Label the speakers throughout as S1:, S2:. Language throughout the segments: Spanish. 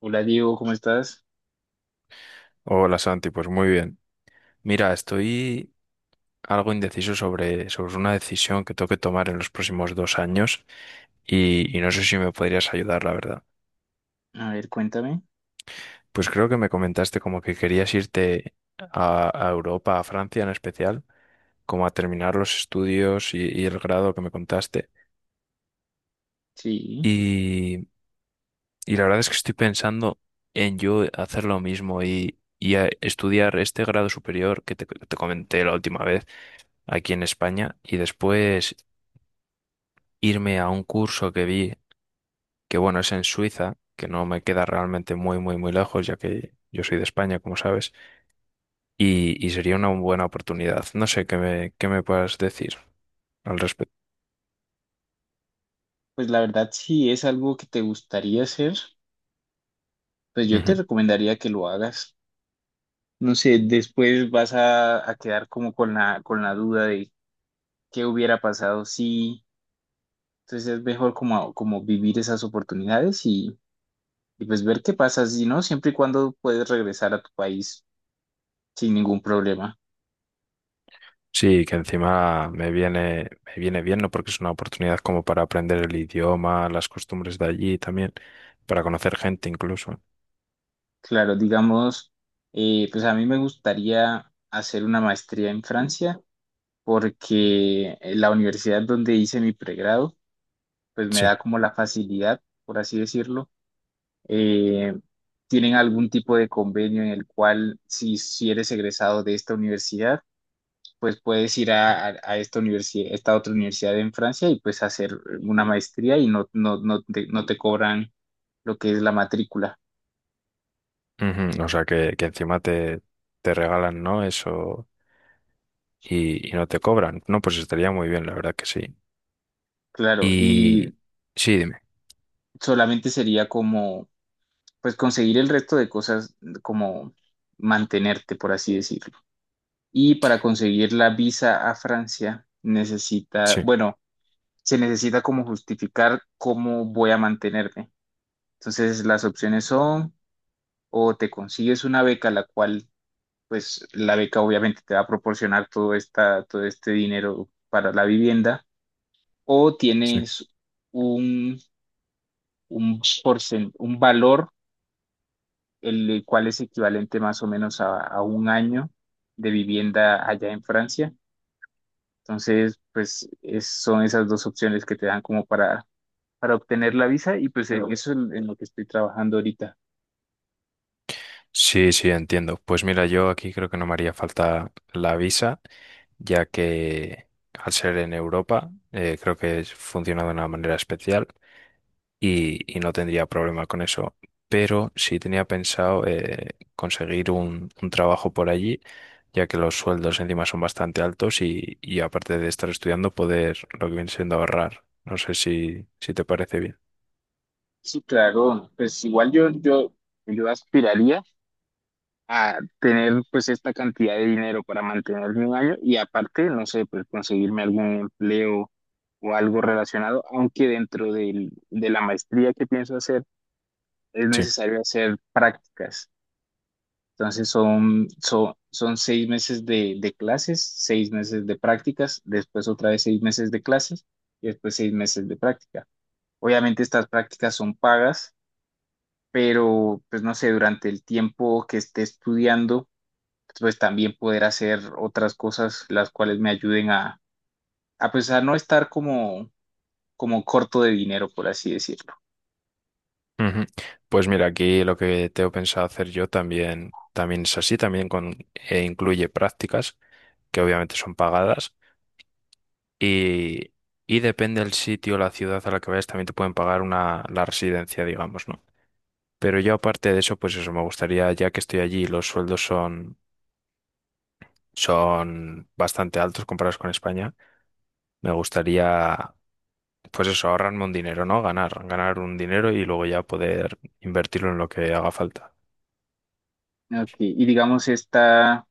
S1: Hola Diego, ¿cómo estás?
S2: Hola Santi, pues muy bien. Mira, estoy algo indeciso sobre una decisión que tengo que tomar en los próximos dos años y no sé si me podrías ayudar, la verdad.
S1: A ver, cuéntame.
S2: Pues creo que me comentaste como que querías irte a Europa, a Francia en especial, como a terminar los estudios y el grado que me contaste.
S1: Sí,
S2: Y, y la verdad es que estoy pensando en yo hacer lo mismo y estudiar este grado superior que te comenté la última vez aquí en España y después irme a un curso que vi, que bueno, es en Suiza, que no me queda realmente muy, muy, muy lejos, ya que yo soy de España, como sabes, y sería una buena oportunidad. No sé qué me puedas decir al respecto.
S1: pues la verdad, si es algo que te gustaría hacer, pues yo te
S2: Ujú.
S1: recomendaría que lo hagas. No sé, después vas a quedar como con la duda de qué hubiera pasado si. Entonces es mejor como vivir esas oportunidades y pues ver qué pasa, si no, siempre y cuando puedes regresar a tu país sin ningún problema.
S2: Sí, que encima me viene bien, ¿no? Porque es una oportunidad como para aprender el idioma, las costumbres de allí también, para conocer gente incluso.
S1: Claro, digamos, pues a mí me gustaría hacer una maestría en Francia porque la universidad donde hice mi pregrado, pues me
S2: Sí.
S1: da como la facilidad, por así decirlo. Eh, tienen algún tipo de convenio en el cual si eres egresado de esta universidad, pues puedes ir a esta universidad, esta otra universidad en Francia y pues hacer una maestría y no te cobran lo que es la matrícula,
S2: Ujú. O sea, que encima te regalan, ¿no? Eso y no te cobran. No, pues estaría muy bien, la verdad que sí.
S1: claro, y
S2: Y sí, dime.
S1: solamente sería como, pues conseguir el resto de cosas, como mantenerte, por así decirlo. Y para conseguir la visa a Francia,
S2: Sí,
S1: bueno, se necesita como justificar cómo voy a mantenerme. Entonces, las opciones son o te consigues una beca, la cual, pues, la beca obviamente te va a proporcionar todo este dinero para la vivienda, o
S2: sí.
S1: tienes un, un valor, el cual es equivalente más o menos a un año de vivienda allá en Francia. Entonces, pues son esas dos opciones que te dan como para obtener la visa y pues en eso es en lo que estoy trabajando ahorita.
S2: Sí, sí, entiendo. Pues mira, yo aquí creo que no me haría falta la visa, ya que al ser en Europa, creo que funciona de una manera especial y no tendría problema con eso. Pero sí tenía pensado conseguir un trabajo por allí, ya que los sueldos encima son bastante altos y aparte de estar estudiando, poder lo que viene siendo ahorrar. No sé si te parece bien.
S1: Sí, claro, pues igual yo aspiraría a tener pues esta cantidad de dinero para mantenerme un año y aparte, no sé, pues conseguirme algún empleo o algo relacionado, aunque dentro del- de la maestría que pienso hacer es
S2: Sí.
S1: necesario hacer prácticas. Entonces son 6 meses de clases, 6 meses de prácticas, después otra vez 6 meses de clases y después 6 meses de práctica. Obviamente estas prácticas son pagas, pero pues no sé, durante el tiempo que esté estudiando, pues también poder hacer otras cosas las cuales me ayuden a, pues a no estar como, como corto de dinero, por así decirlo.
S2: Ujú. Pues mira, aquí lo que tengo pensado hacer yo también es así, también con, e incluye prácticas, que obviamente son pagadas, y, y depende del sitio, la ciudad a la que vayas, también te pueden pagar una, la residencia, digamos, ¿no? Pero yo aparte de eso, pues eso, me gustaría, ya que estoy allí, los sueldos son bastante altos comparados con España, me gustaría, pues eso, ahorrarme un dinero, ¿no? Ganar un dinero y luego ya poder invertirlo en lo que haga falta.
S1: Ok. Y digamos, esta,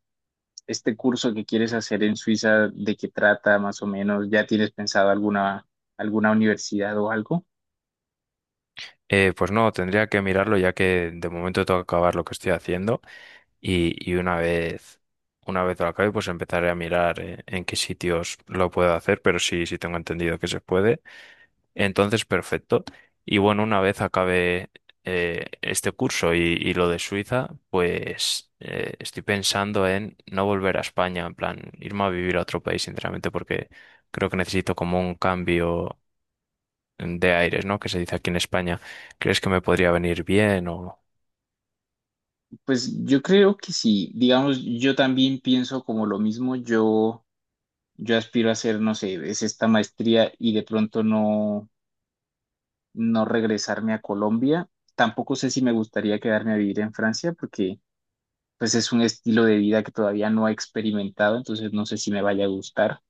S1: este curso que quieres hacer en Suiza, ¿de qué trata más o menos? ¿Ya tienes pensado alguna universidad o algo?
S2: Pues no, tendría que mirarlo ya que de momento tengo que acabar lo que estoy haciendo y una vez lo acabe, pues empezaré a mirar en qué sitios lo puedo hacer, pero sí, sí tengo entendido que se puede. Entonces, perfecto. Y bueno, una vez acabe este curso y lo de Suiza, pues estoy pensando en no volver a España, en plan, irme a vivir a otro país, sinceramente, porque creo que necesito como un cambio de aires, ¿no? Que se dice aquí en España. ¿Crees que me podría venir bien o...?
S1: Pues yo creo que sí. Digamos, yo también pienso como lo mismo. Yo aspiro a hacer, no sé, es esta maestría y de pronto no regresarme a Colombia. Tampoco sé si me gustaría quedarme a vivir en Francia porque pues es un estilo de vida que todavía no he experimentado, entonces no sé si me vaya a gustar.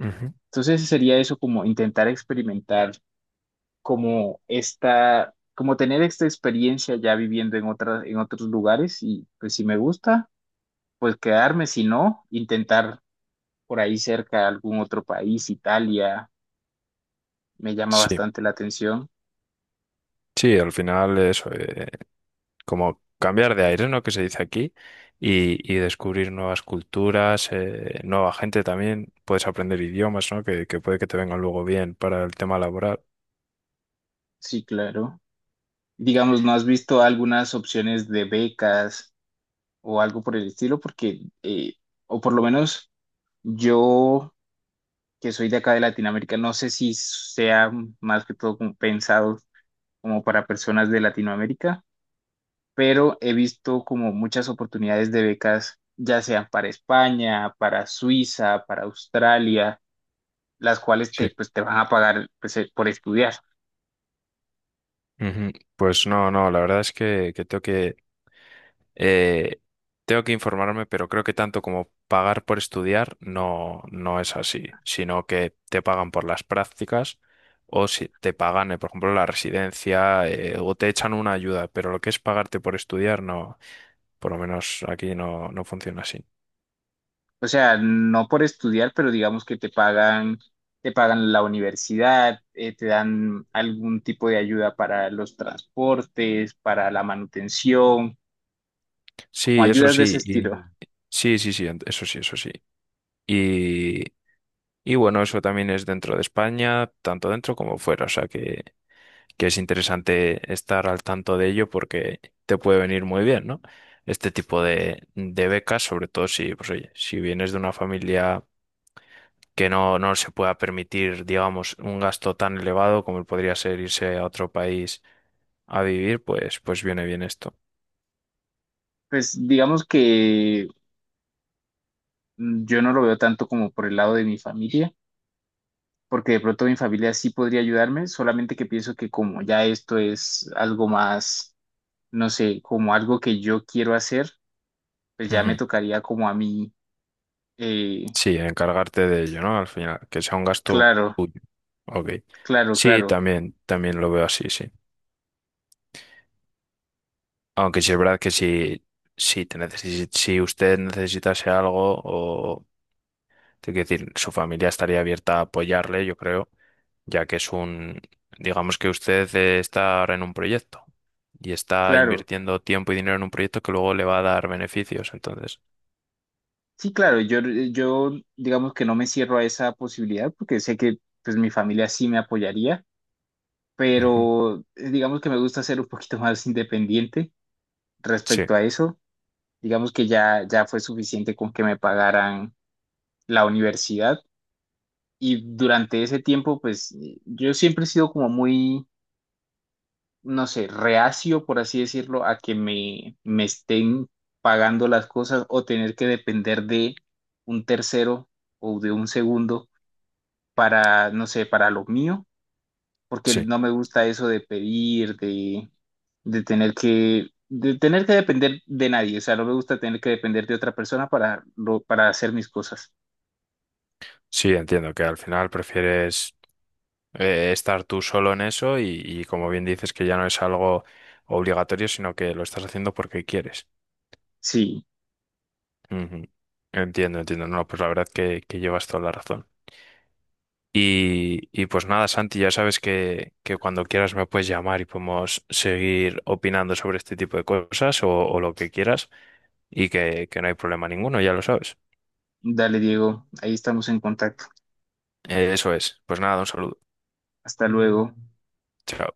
S2: Ujú.
S1: Entonces sería eso como intentar experimentar como tener esta experiencia ya viviendo en otros lugares y pues si me gusta, pues quedarme, si no, intentar por ahí cerca algún otro país. Italia me llama
S2: Sí,
S1: bastante la atención.
S2: sí, al final eso, como cambiar de aire, ¿no? Que se dice aquí, y descubrir nuevas culturas, nueva gente también, puedes aprender idiomas, ¿no? Que puede que te vengan luego bien para el tema laboral.
S1: Sí, claro. Digamos, ¿no has visto algunas opciones de becas o algo por el estilo? Porque, o por lo menos yo, que soy de acá de Latinoamérica, no sé si sea más que todo como pensado como para personas de Latinoamérica, pero he visto como muchas oportunidades de becas, ya sean para España, para Suiza, para Australia, las cuales
S2: Sí.
S1: pues, te van a pagar pues, por estudiar.
S2: Ujú. Pues no, no, la verdad es que Eh, tengo que informarme, pero creo que tanto como pagar por estudiar no, no es así, sino que te pagan por las prácticas o si te pagan, por ejemplo, la residencia o te echan una ayuda, pero lo que es pagarte por estudiar no, por lo menos aquí no, no funciona así.
S1: O sea, no por estudiar, pero digamos que te pagan la universidad, te dan algún tipo de ayuda para los transportes, para la manutención, como
S2: Sí, eso
S1: ayudas de ese
S2: sí,
S1: estilo.
S2: sí, sí, sí, eso sí, eso sí. Y, y bueno, eso también es dentro de España, tanto dentro como fuera, o sea que es interesante estar al tanto de ello porque te puede venir muy bien, ¿no? Este tipo de becas, sobre todo si, pues, oye, si vienes de una familia que no se pueda permitir, digamos, un gasto tan elevado como podría ser irse a otro país a vivir, pues viene bien esto.
S1: Pues digamos que yo no lo veo tanto como por el lado de mi familia porque de pronto mi familia sí podría ayudarme, solamente que pienso que como ya esto es algo más, no sé, como algo que yo quiero hacer, pues ya me
S2: Ujú.
S1: tocaría como a mí, eh,
S2: Sí, encargarte de ello, ¿no? Al final, que sea un gasto
S1: claro,
S2: tuyo. Ok.
S1: claro,
S2: Sí,
S1: claro,
S2: también lo veo así, sí. Aunque sí es verdad que si usted necesitase algo. Es decir, su familia estaría abierta a apoyarle, yo creo, ya que es un, digamos que usted está ahora en un proyecto y está
S1: claro.
S2: invirtiendo tiempo y dinero en un proyecto que luego le va a dar beneficios. Entonces.
S1: Sí, claro, yo digamos que no me cierro a esa posibilidad porque sé que pues mi familia sí me apoyaría,
S2: Ujú.
S1: pero digamos que me gusta ser un poquito más independiente
S2: Sí,
S1: respecto a eso. Digamos que ya, ya fue suficiente con que me pagaran la universidad. Y durante ese tiempo, pues yo siempre he sido como muy, no sé, reacio, por así decirlo, a que me estén pagando las cosas o tener que depender de un tercero o de un segundo para, no sé, para lo mío, porque
S2: sí,
S1: no me gusta eso de pedir, de tener que depender de nadie, o sea, no me gusta tener que depender de otra persona para, para hacer mis cosas.
S2: sí, entiendo que al final prefieres estar tú solo en eso y como bien dices que ya no es algo obligatorio, sino que lo estás haciendo porque quieres.
S1: Sí,
S2: Ujú. Entiendo, entiendo. No, pues la verdad que llevas toda la razón. Y pues nada, Santi, ya sabes que cuando quieras me puedes llamar y podemos seguir opinando sobre este tipo de cosas o lo que quieras y que no hay problema ninguno, ya lo sabes.
S1: dale, Diego, ahí estamos en contacto.
S2: Eso es. Pues nada, un saludo.
S1: Hasta luego.
S2: Chao.